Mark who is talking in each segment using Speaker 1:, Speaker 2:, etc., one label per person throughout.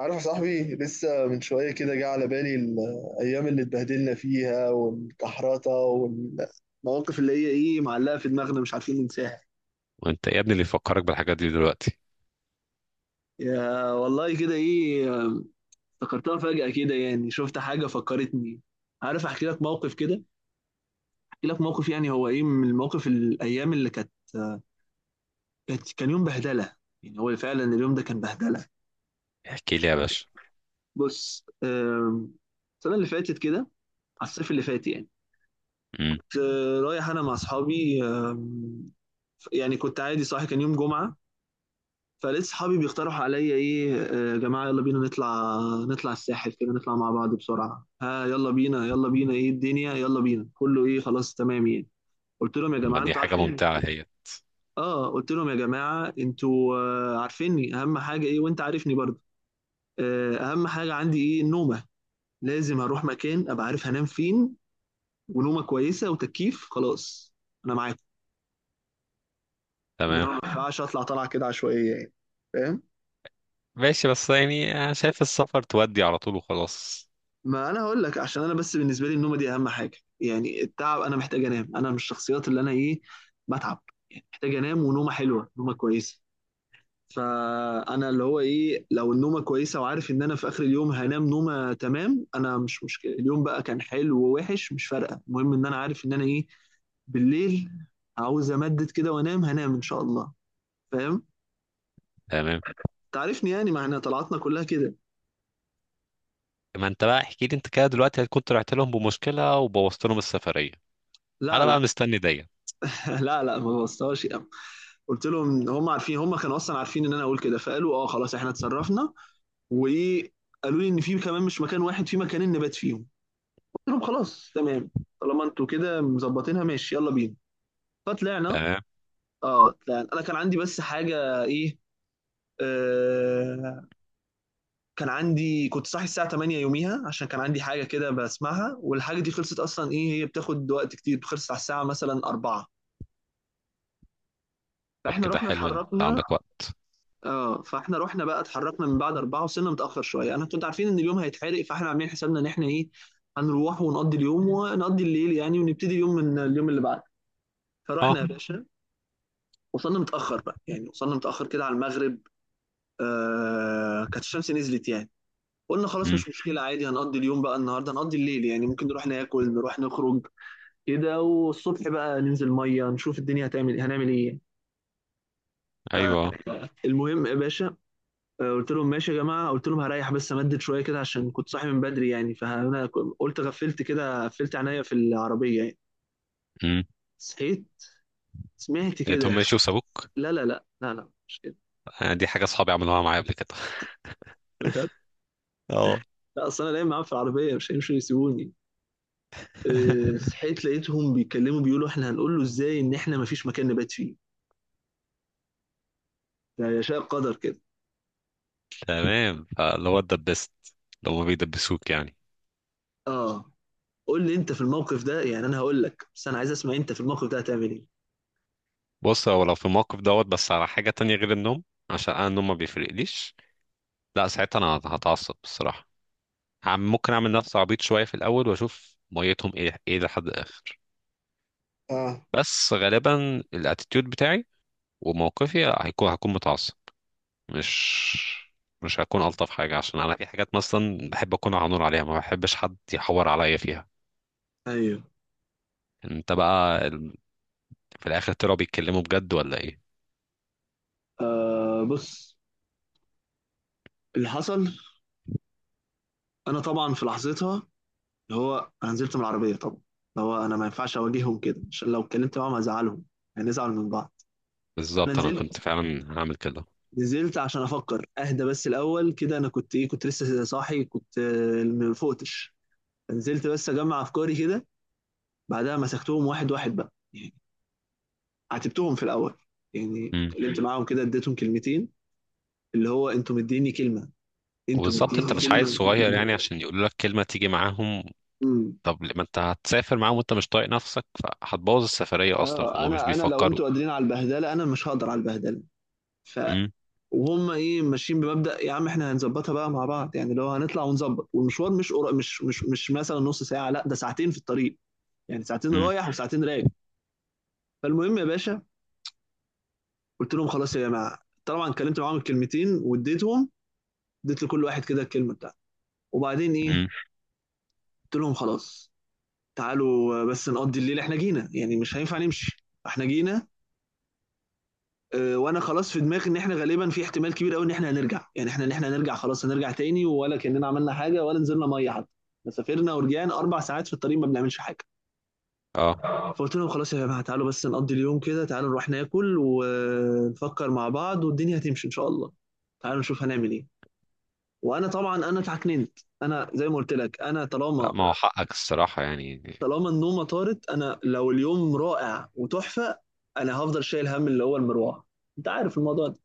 Speaker 1: عارف يا صاحبي، لسه من شوية كده جه على بالي الأيام اللي اتبهدلنا فيها والكحرطة والمواقف اللي هي إيه معلقة في دماغنا، مش عارفين ننساها.
Speaker 2: وانت يا ابني اللي يفكرك بالحاجات دي دلوقتي؟
Speaker 1: يا والله كده إيه. افتكرتها فجأة كده، يعني شفت حاجة فكرتني. عارف أحكي لك موقف كده؟ أحكي لك موقف، يعني هو إيه من المواقف، الأيام اللي كانت، كان يوم بهدلة. يعني هو فعلا اليوم ده كان بهدلة.
Speaker 2: احكي لي يا باشا.
Speaker 1: بص، السنة اللي فاتت كده، على الصيف اللي فات يعني.
Speaker 2: امم.
Speaker 1: رايح انا مع اصحابي، يعني كنت عادي صاحي، كان يوم جمعه. فلقيت صحابي بيقترحوا عليا ايه، يا جماعه يلا بينا نطلع، نطلع الساحل كده، نطلع مع بعض بسرعه، ها يلا بينا يلا بينا ايه الدنيا يلا بينا كله ايه خلاص تمام يعني. قلت لهم يا
Speaker 2: طب ما
Speaker 1: جماعه
Speaker 2: دي
Speaker 1: انتوا
Speaker 2: حاجه
Speaker 1: عارفيني.
Speaker 2: ممتعه هي.
Speaker 1: اه قلت لهم يا جماعه انتوا، عارفيني، اهم حاجه ايه؟ وانت عارفني برضه. اهم حاجه عندي ايه؟ النومه. لازم اروح مكان ابقى عارف هنام فين، ونومه كويسه وتكييف، خلاص انا معاكم. إنما
Speaker 2: تمام.
Speaker 1: ما ينفعش اطلع طلعه كده عشوائيه يعني. فاهم.
Speaker 2: ماشي، بس يعني انا شايف السفر تودي على طول وخلاص.
Speaker 1: ما انا هقول لك، عشان انا بس بالنسبه لي النومه دي اهم حاجه، يعني التعب، انا محتاج انام. انا من الشخصيات اللي انا ايه، بتعب. يعني محتاج انام، ونومه حلوه، نومه كويسه. فانا اللي هو ايه، لو النومه كويسه وعارف ان انا في اخر اليوم هنام نومه تمام، انا مش مشكله اليوم بقى كان حلو ووحش، مش فارقه. المهم ان انا عارف ان انا ايه بالليل، عاوز امدد كده وانام، هنام ان شاء الله. فاهم؟
Speaker 2: تمام.
Speaker 1: تعرفني يعني، ما احنا طلعتنا كلها كده.
Speaker 2: ما انت بقى احكي لي، انت كده دلوقتي هتكون طلعت لهم بمشكله وبوظت لهم السفريه،
Speaker 1: لا
Speaker 2: انا
Speaker 1: لا.
Speaker 2: بقى مستني دي.
Speaker 1: لا لا، ما بوظتهاش. قلت لهم هم عارفين، هم كانوا اصلا عارفين ان انا اقول كده، فقالوا اه خلاص احنا اتصرفنا. وايه، قالوا لي ان في كمان، مش مكان واحد، في مكانين نبات فيهم. قلت لهم خلاص تمام، طالما انتوا كده مظبطينها ماشي يلا بينا. فطلعنا.
Speaker 2: تمام.
Speaker 1: اه طلعنا. انا كان عندي بس حاجه ايه، آه كان عندي، كنت صاحي الساعه 8 يوميها، عشان كان عندي حاجه كده بسمعها، والحاجه دي خلصت اصلا ايه هي، بتاخد وقت كتير، خلصت على الساعه مثلا 4.
Speaker 2: طب
Speaker 1: فاحنا
Speaker 2: كده
Speaker 1: رحنا
Speaker 2: حلو، انت
Speaker 1: اتحركنا.
Speaker 2: عندك وقت.
Speaker 1: اه فاحنا رحنا بقى اتحركنا من بعد أربعة. وصلنا متأخر شوية، أنا كنت عارفين إن اليوم هيتحرق، فاحنا عاملين حسابنا إن احنا إيه، هنروح ونقضي اليوم ونقضي الليل يعني، ونبتدي اليوم من اليوم اللي بعده. فرحنا
Speaker 2: اه.
Speaker 1: يا باشا. وصلنا متأخر بقى يعني، وصلنا متأخر كده على المغرب. آه كانت الشمس نزلت يعني. قلنا خلاص
Speaker 2: امم.
Speaker 1: مش مشكلة عادي، هنقضي اليوم بقى النهاردة، هنقضي الليل يعني، ممكن نروح ناكل، نروح نخرج كده، والصبح بقى ننزل مية، نشوف الدنيا هتعمل، هنعمل إيه يعني.
Speaker 2: ايوه.
Speaker 1: المهم يا باشا، قلت لهم ماشي يا جماعه، قلت لهم هريح بس، امدد شويه كده عشان كنت صاحي من بدري يعني. فانا قلت غفلت كده، قفلت عينيا في العربيه يعني.
Speaker 2: امم.
Speaker 1: صحيت، سمعت
Speaker 2: لقيتهم
Speaker 1: كده.
Speaker 2: ماشي وسابوك.
Speaker 1: لا لا لا لا لا، مش كده.
Speaker 2: آه، دي حاجه اصحابي عملوها معايا قبل كده.
Speaker 1: بجد.
Speaker 2: اه.
Speaker 1: لا اصل انا نايم معاهم في العربيه، مش هيمشوا يسيبوني. صحيت لقيتهم بيتكلموا، بيقولوا احنا هنقول له ازاي ان احنا ما فيش مكان نبات فيه؟ ده يشاء قدر كده.
Speaker 2: تمام، فاللي هو اتدبست لو ما بيدبسوك يعني.
Speaker 1: اه. قول لي انت في الموقف ده، يعني انا هقول لك بس انا عايز اسمع، انت في الموقف ده هتعمل ايه؟
Speaker 2: بص، هو لو في الموقف دوت بس على حاجة تانية غير النوم، عشان أنا النوم ما بيفرقليش. لا، ساعتها أنا هتعصب بصراحة. عم، ممكن أعمل نفسي عبيط شوية في الأول وأشوف ميتهم إيه لحد الآخر.
Speaker 1: اه.
Speaker 2: بس غالبا الاتيتيود بتاعي وموقفي هكون متعصب، مش مش هكون ألطف حاجة، عشان أنا في حاجات مثلا بحب أكون على نور عليها، ما بحبش حد يحور عليا فيها.
Speaker 1: ايوه.
Speaker 2: أنت بقى في الآخر طلعوا بيتكلموا بجد ولا إيه؟
Speaker 1: آه بص، اللي حصل، انا طبعا في لحظتها، اللي هو انا نزلت من العربيه طبعا، اللي هو انا ما ينفعش اواجههم كده، عشان لو اتكلمت معاهم هزعلهم، هنزعل من بعض. انا
Speaker 2: بالظبط، أنا كنت
Speaker 1: نزلت،
Speaker 2: فعلا هعمل كده.
Speaker 1: نزلت عشان افكر اهدى بس الاول كده، انا كنت ايه، كنت لسه صاحي، كنت ما فقتش. نزلت بس اجمع افكاري كده. بعدها مسكتهم واحد واحد بقى يعني، عاتبتهم في الاول، يعني اتكلمت معاهم كده، اديتهم كلمتين. اللي هو انتوا مديني كلمه، انتوا
Speaker 2: وبالظبط انت
Speaker 1: مديني
Speaker 2: مش عايز
Speaker 1: كلمه.
Speaker 2: صغير يعني عشان يقولوا لك كلمة تيجي معاهم.
Speaker 1: امم.
Speaker 2: طب ما انت هتسافر معاهم وانت مش طايق نفسك، فهتبوظ السفرية اصلا،
Speaker 1: اه
Speaker 2: فهم مش
Speaker 1: انا لو
Speaker 2: بيفكروا.
Speaker 1: انتوا قادرين على البهدله، انا مش هقدر على البهدله. ف،
Speaker 2: امم.
Speaker 1: وهم ايه ماشيين بمبدأ يا عم، احنا هنظبطها بقى مع بعض يعني، لو هنطلع ونظبط، والمشوار مش قرا، مش مثلا نص ساعة، لا ده ساعتين في الطريق. يعني ساعتين
Speaker 2: امم.
Speaker 1: رايح وساعتين راجع. فالمهم يا باشا، قلت لهم خلاص يا جماعة، طبعا اتكلمت معاهم الكلمتين واديتهم، اديت لكل واحد كده الكلمة بتاعته، وبعدين ايه،
Speaker 2: امم.
Speaker 1: قلت لهم خلاص، تعالوا بس نقضي الليل، احنا جينا يعني مش هينفع نمشي، احنا جينا. وانا خلاص في دماغي ان احنا غالبا في احتمال كبير قوي ان احنا هنرجع، يعني احنا ان احنا هنرجع، خلاص هنرجع تاني، ولا كاننا عملنا حاجه، ولا نزلنا ميه حتى. إحنا سافرنا ورجعنا اربع ساعات في الطريق ما بنعملش حاجه.
Speaker 2: اه.
Speaker 1: فقلت لهم خلاص يا جماعه، تعالوا بس نقضي اليوم كده، تعالوا نروح ناكل، ونفكر مع بعض والدنيا هتمشي ان شاء الله. تعالوا نشوف هنعمل ايه. وانا طبعا انا اتعكننت، انا زي ما قلت لك، انا
Speaker 2: لا،
Speaker 1: طالما،
Speaker 2: ما هو حقك الصراحة يعني.
Speaker 1: طالما النومه طارت، انا لو اليوم رائع وتحفه، انا هفضل شايل هم اللي هو المروحه. انت عارف الموضوع ده.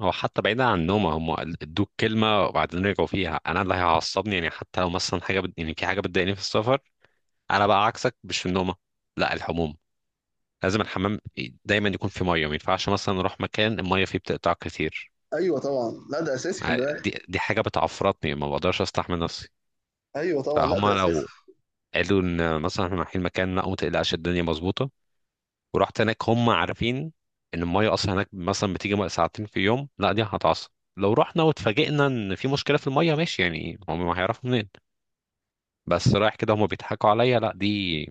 Speaker 2: هو حتى بعيدا عن النوم، هم ادوك كلمة وبعدين رجعوا فيها، انا اللي هيعصبني يعني، حتى لو مثلا حاجة يعني في حاجة بتضايقني في السفر. انا بقى عكسك، مش في النومة، لا الحموم. لازم الحمام دايما يكون في ميه، ما ينفعش مثلا اروح مكان الميه فيه بتقطع كتير.
Speaker 1: ايوه طبعا لا ده اساسي، خلي بالك.
Speaker 2: دي حاجة بتعفرتني، ما بقدرش استحمل نفسي.
Speaker 1: ايوه طبعا لا ده
Speaker 2: فهما
Speaker 1: اساسي.
Speaker 2: لو قالوا ان مثلا احنا رايحين مكان، لا وما تقلقش الدنيا مظبوطة، ورحت هناك هم عارفين ان المية اصلا هناك مثلا بتيجي ساعتين في يوم، لا دي هتعصب. لو رحنا واتفاجئنا ان في مشكلة في المية ماشي يعني هم ما هيعرفوا منين، بس رايح كده هم بيضحكوا عليا، لا دي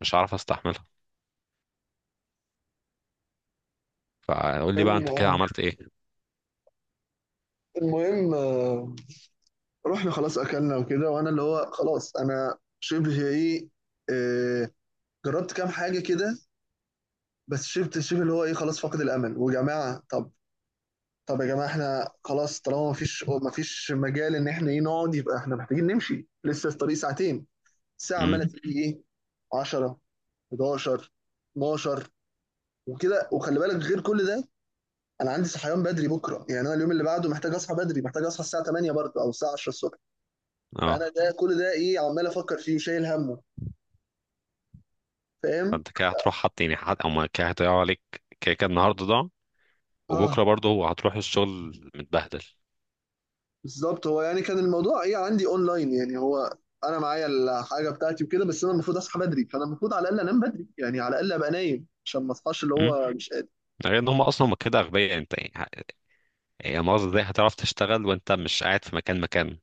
Speaker 2: مش هعرف استحملها. فقول لي بقى انت كده
Speaker 1: المهم،
Speaker 2: عملت ايه؟
Speaker 1: المهم آه، رحنا خلاص اكلنا وكده، وانا اللي هو خلاص انا شبه ايه، آه، جربت كام حاجه كده. بس شبت شبه اللي هو ايه، خلاص فاقد الامل. وجماعه طب، طب يا جماعه احنا خلاص، طالما مفيش مجال ان احنا ايه نقعد، يبقى احنا محتاجين نمشي لسه الطريق ساعتين. الساعه
Speaker 2: امم.
Speaker 1: عماله تيجي ايه، 10، 11، 12، وكده. وخلي بالك غير كل ده، انا عندي صحيان بدري بكره، يعني انا اليوم اللي بعده محتاج اصحى بدري، محتاج اصحى الساعه 8 برضه او الساعه 10 الصبح.
Speaker 2: اه.
Speaker 1: فانا ده كل ده ايه عمال افكر فيه وشايل همه. فاهم.
Speaker 2: فانت كده هتروح حط يعني حد او ما كده هيضيعوا عليك كده كده النهارده ده، وبكره
Speaker 1: اه
Speaker 2: برضه هو هتروح الشغل متبهدل.
Speaker 1: بالظبط هو، يعني كان الموضوع ايه عندي اونلاين يعني هو، انا معايا الحاجه بتاعتي وكده، بس انا المفروض اصحى بدري، فانا المفروض على الاقل انام بدري، يعني على الاقل ابقى نايم عشان ما اصحاش اللي
Speaker 2: إمم.
Speaker 1: هو مش قادر.
Speaker 2: ده غير ان هم اصلا هم كده اغبياء، انت يعني يعني مؤاخذة، ازاي هتعرف تشتغل وانت مش قاعد في مكان مكان؟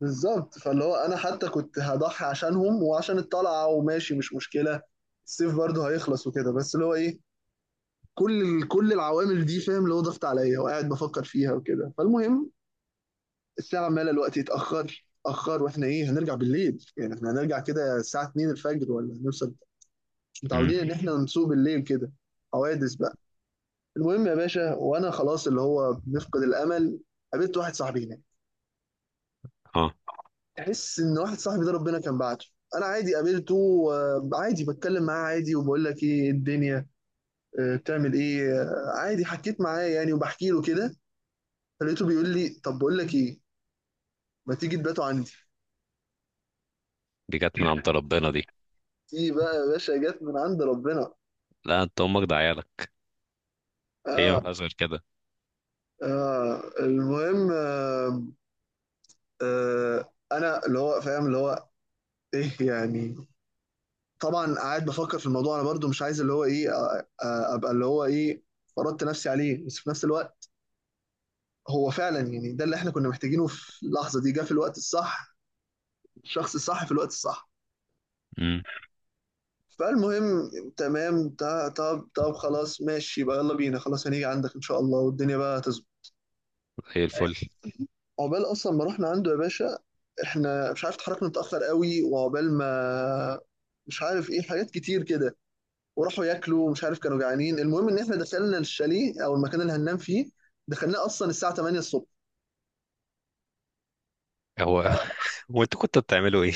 Speaker 1: بالظبط. فاللي هو انا حتى كنت هضحي عشانهم وعشان الطلعه، وماشي مش مشكله الصيف برضه هيخلص وكده، بس اللي هو ايه، كل كل العوامل دي فاهم، اللي هو ضغط عليا وقاعد بفكر فيها وكده. فالمهم، الساعه عماله الوقت يتاخر، اتاخر، واحنا ايه هنرجع بالليل يعني، احنا هنرجع كده الساعه 2 الفجر ولا هنوصل. مش
Speaker 2: امم.
Speaker 1: متعودين ان احنا نسوق بالليل كده، حوادث بقى. المهم يا باشا، وانا خلاص اللي هو بنفقد الامل، قابلت واحد صاحبي هناك.
Speaker 2: اه.
Speaker 1: تحس ان واحد صاحبي ده ربنا كان بعته. انا عادي قابلته، عادي بتكلم معاه عادي، وبقول لك ايه الدنيا، بتعمل ايه، عادي حكيت معاه يعني، وبحكي له كده. فلقيته بيقول لي، طب بقول لك ايه، ما تيجي تباتوا عندي.
Speaker 2: دي جت من عند ربنا دي.
Speaker 1: دي بقى يا باشا جت من عند ربنا.
Speaker 2: لا انت امك ده عيالك، هي
Speaker 1: اه.
Speaker 2: ما فيهاش غير كده.
Speaker 1: اه المهم، انا اللي هو فاهم اللي هو ايه يعني، طبعا قاعد بفكر في الموضوع، انا برضو مش عايز اللي هو ايه، ابقى اللي هو ايه، فرضت نفسي عليه، بس في نفس الوقت، هو فعلا يعني ده اللي احنا كنا محتاجينه في اللحظة دي، جه في الوقت الصح، الشخص الصح في الوقت الصح.
Speaker 2: امم.
Speaker 1: فالمهم، تمام طب طب خلاص ماشي، يبقى يلا بينا، خلاص هنيجي عندك ان شاء الله، والدنيا بقى تظبط.
Speaker 2: زي الفل.
Speaker 1: عقبال اصلا ما رحنا عنده يا باشا، احنا مش عارف اتحركنا متاخر قوي، وعقبال ما، مش عارف ايه حاجات كتير كده، وراحوا ياكلوا مش عارف كانوا جعانين. المهم ان احنا دخلنا الشاليه او المكان اللي هننام فيه، دخلناه اصلا الساعه 8 الصبح.
Speaker 2: هو هو انتوا كنتوا بتعملوا ايه؟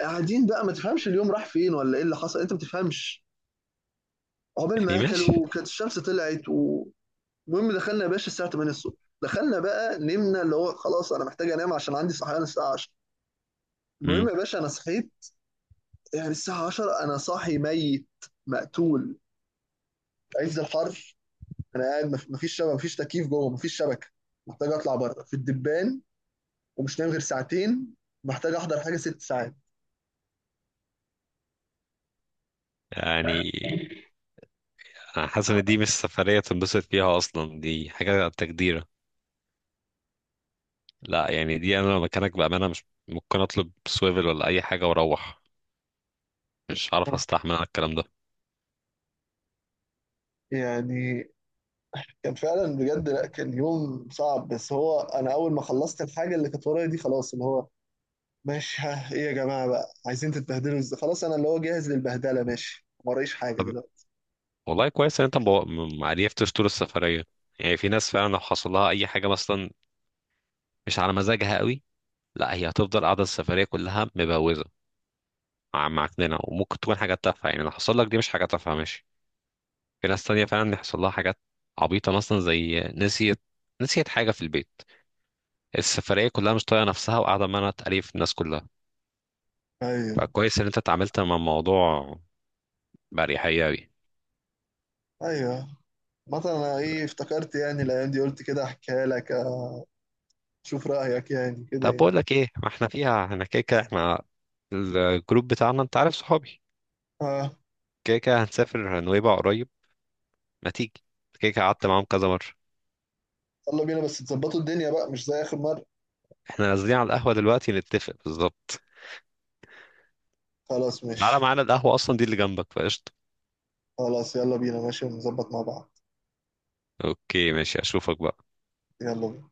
Speaker 1: قاعدين بقى ما تفهمش اليوم راح فين ولا ايه اللي حصل، انت ما بتفهمش. عقبال
Speaker 2: يعني
Speaker 1: ما اكلوا
Speaker 2: ماشي.
Speaker 1: كانت الشمس طلعت و-. المهم دخلنا يا باشا الساعه 8 الصبح. دخلنا بقى نمنا اللي هو خلاص انا محتاج انام عشان عندي صحيان الساعه 10. المهم
Speaker 2: امم.
Speaker 1: يا باشا انا صحيت، يعني الساعه 10 انا صاحي ميت، مقتول، عز الحر. انا قاعد مفيش شبكه، مفيش تكييف جوه، مفيش شبكه، محتاج اطلع بره في الدبان، ومش نايم غير ساعتين، محتاج احضر حاجه ست ساعات.
Speaker 2: يعني انا حاسس ان دي مش سفرية تنبسط فيها اصلا، دي حاجة تجديرة. لا يعني دي، انا لو مكانك بامانة مش ممكن اطلب سويفل ولا اي حاجة واروح، مش عارف استحمل الكلام ده.
Speaker 1: يعني، كان فعلا بجد لا كان يوم صعب. بس هو انا اول ما خلصت الحاجه اللي كانت ورايا دي، خلاص اللي هو ماشي، ها ايه يا جماعه بقى عايزين تتبهدلوا ازاي، خلاص انا اللي هو جاهز للبهدله، ماشي ما ورايش حاجه دلوقتي.
Speaker 2: والله كويس ان انت ما عرفتش طول السفريه. يعني في ناس فعلا لو حصل لها اي حاجه مثلا مش على مزاجها قوي، لا هي هتفضل قاعده السفريه كلها مبوزه، معكننه، وممكن تكون حاجات تافهه، يعني لو حصل لك دي مش حاجه تافهه ماشي. في ناس تانية فعلا يحصل لها حاجات عبيطه مثلا زي نسيت حاجه في البيت، السفريه كلها مش طايقه نفسها وقاعده ما انا تقريف الناس كلها.
Speaker 1: ايوه.
Speaker 2: فكويس ان انت اتعاملت مع الموضوع باريحيه قوي.
Speaker 1: ايوه، مثلا انا ايه افتكرت يعني الايام دي، قلت كده احكيها لك، اشوف رايك يعني كده
Speaker 2: طب
Speaker 1: يعني.
Speaker 2: بقول لك ايه، ما احنا فيها احنا، كده كده احنا الجروب بتاعنا انت عارف صحابي،
Speaker 1: اه.
Speaker 2: كده كده هنسافر نويبع قريب، ما تيجي، كده كده قعدت معاهم كذا مرة.
Speaker 1: يلا بينا بس تظبطوا الدنيا بقى مش زي آخر مرة.
Speaker 2: احنا نازلين على القهوة دلوقتي نتفق بالظبط.
Speaker 1: خلاص
Speaker 2: تعالى
Speaker 1: ماشي.
Speaker 2: معانا القهوة، أصلا دي اللي جنبك فقشطة.
Speaker 1: خلاص يلا بينا ماشي ونظبط مع بعض.
Speaker 2: اوكي ماشي، أشوفك بقى.
Speaker 1: يلا بينا.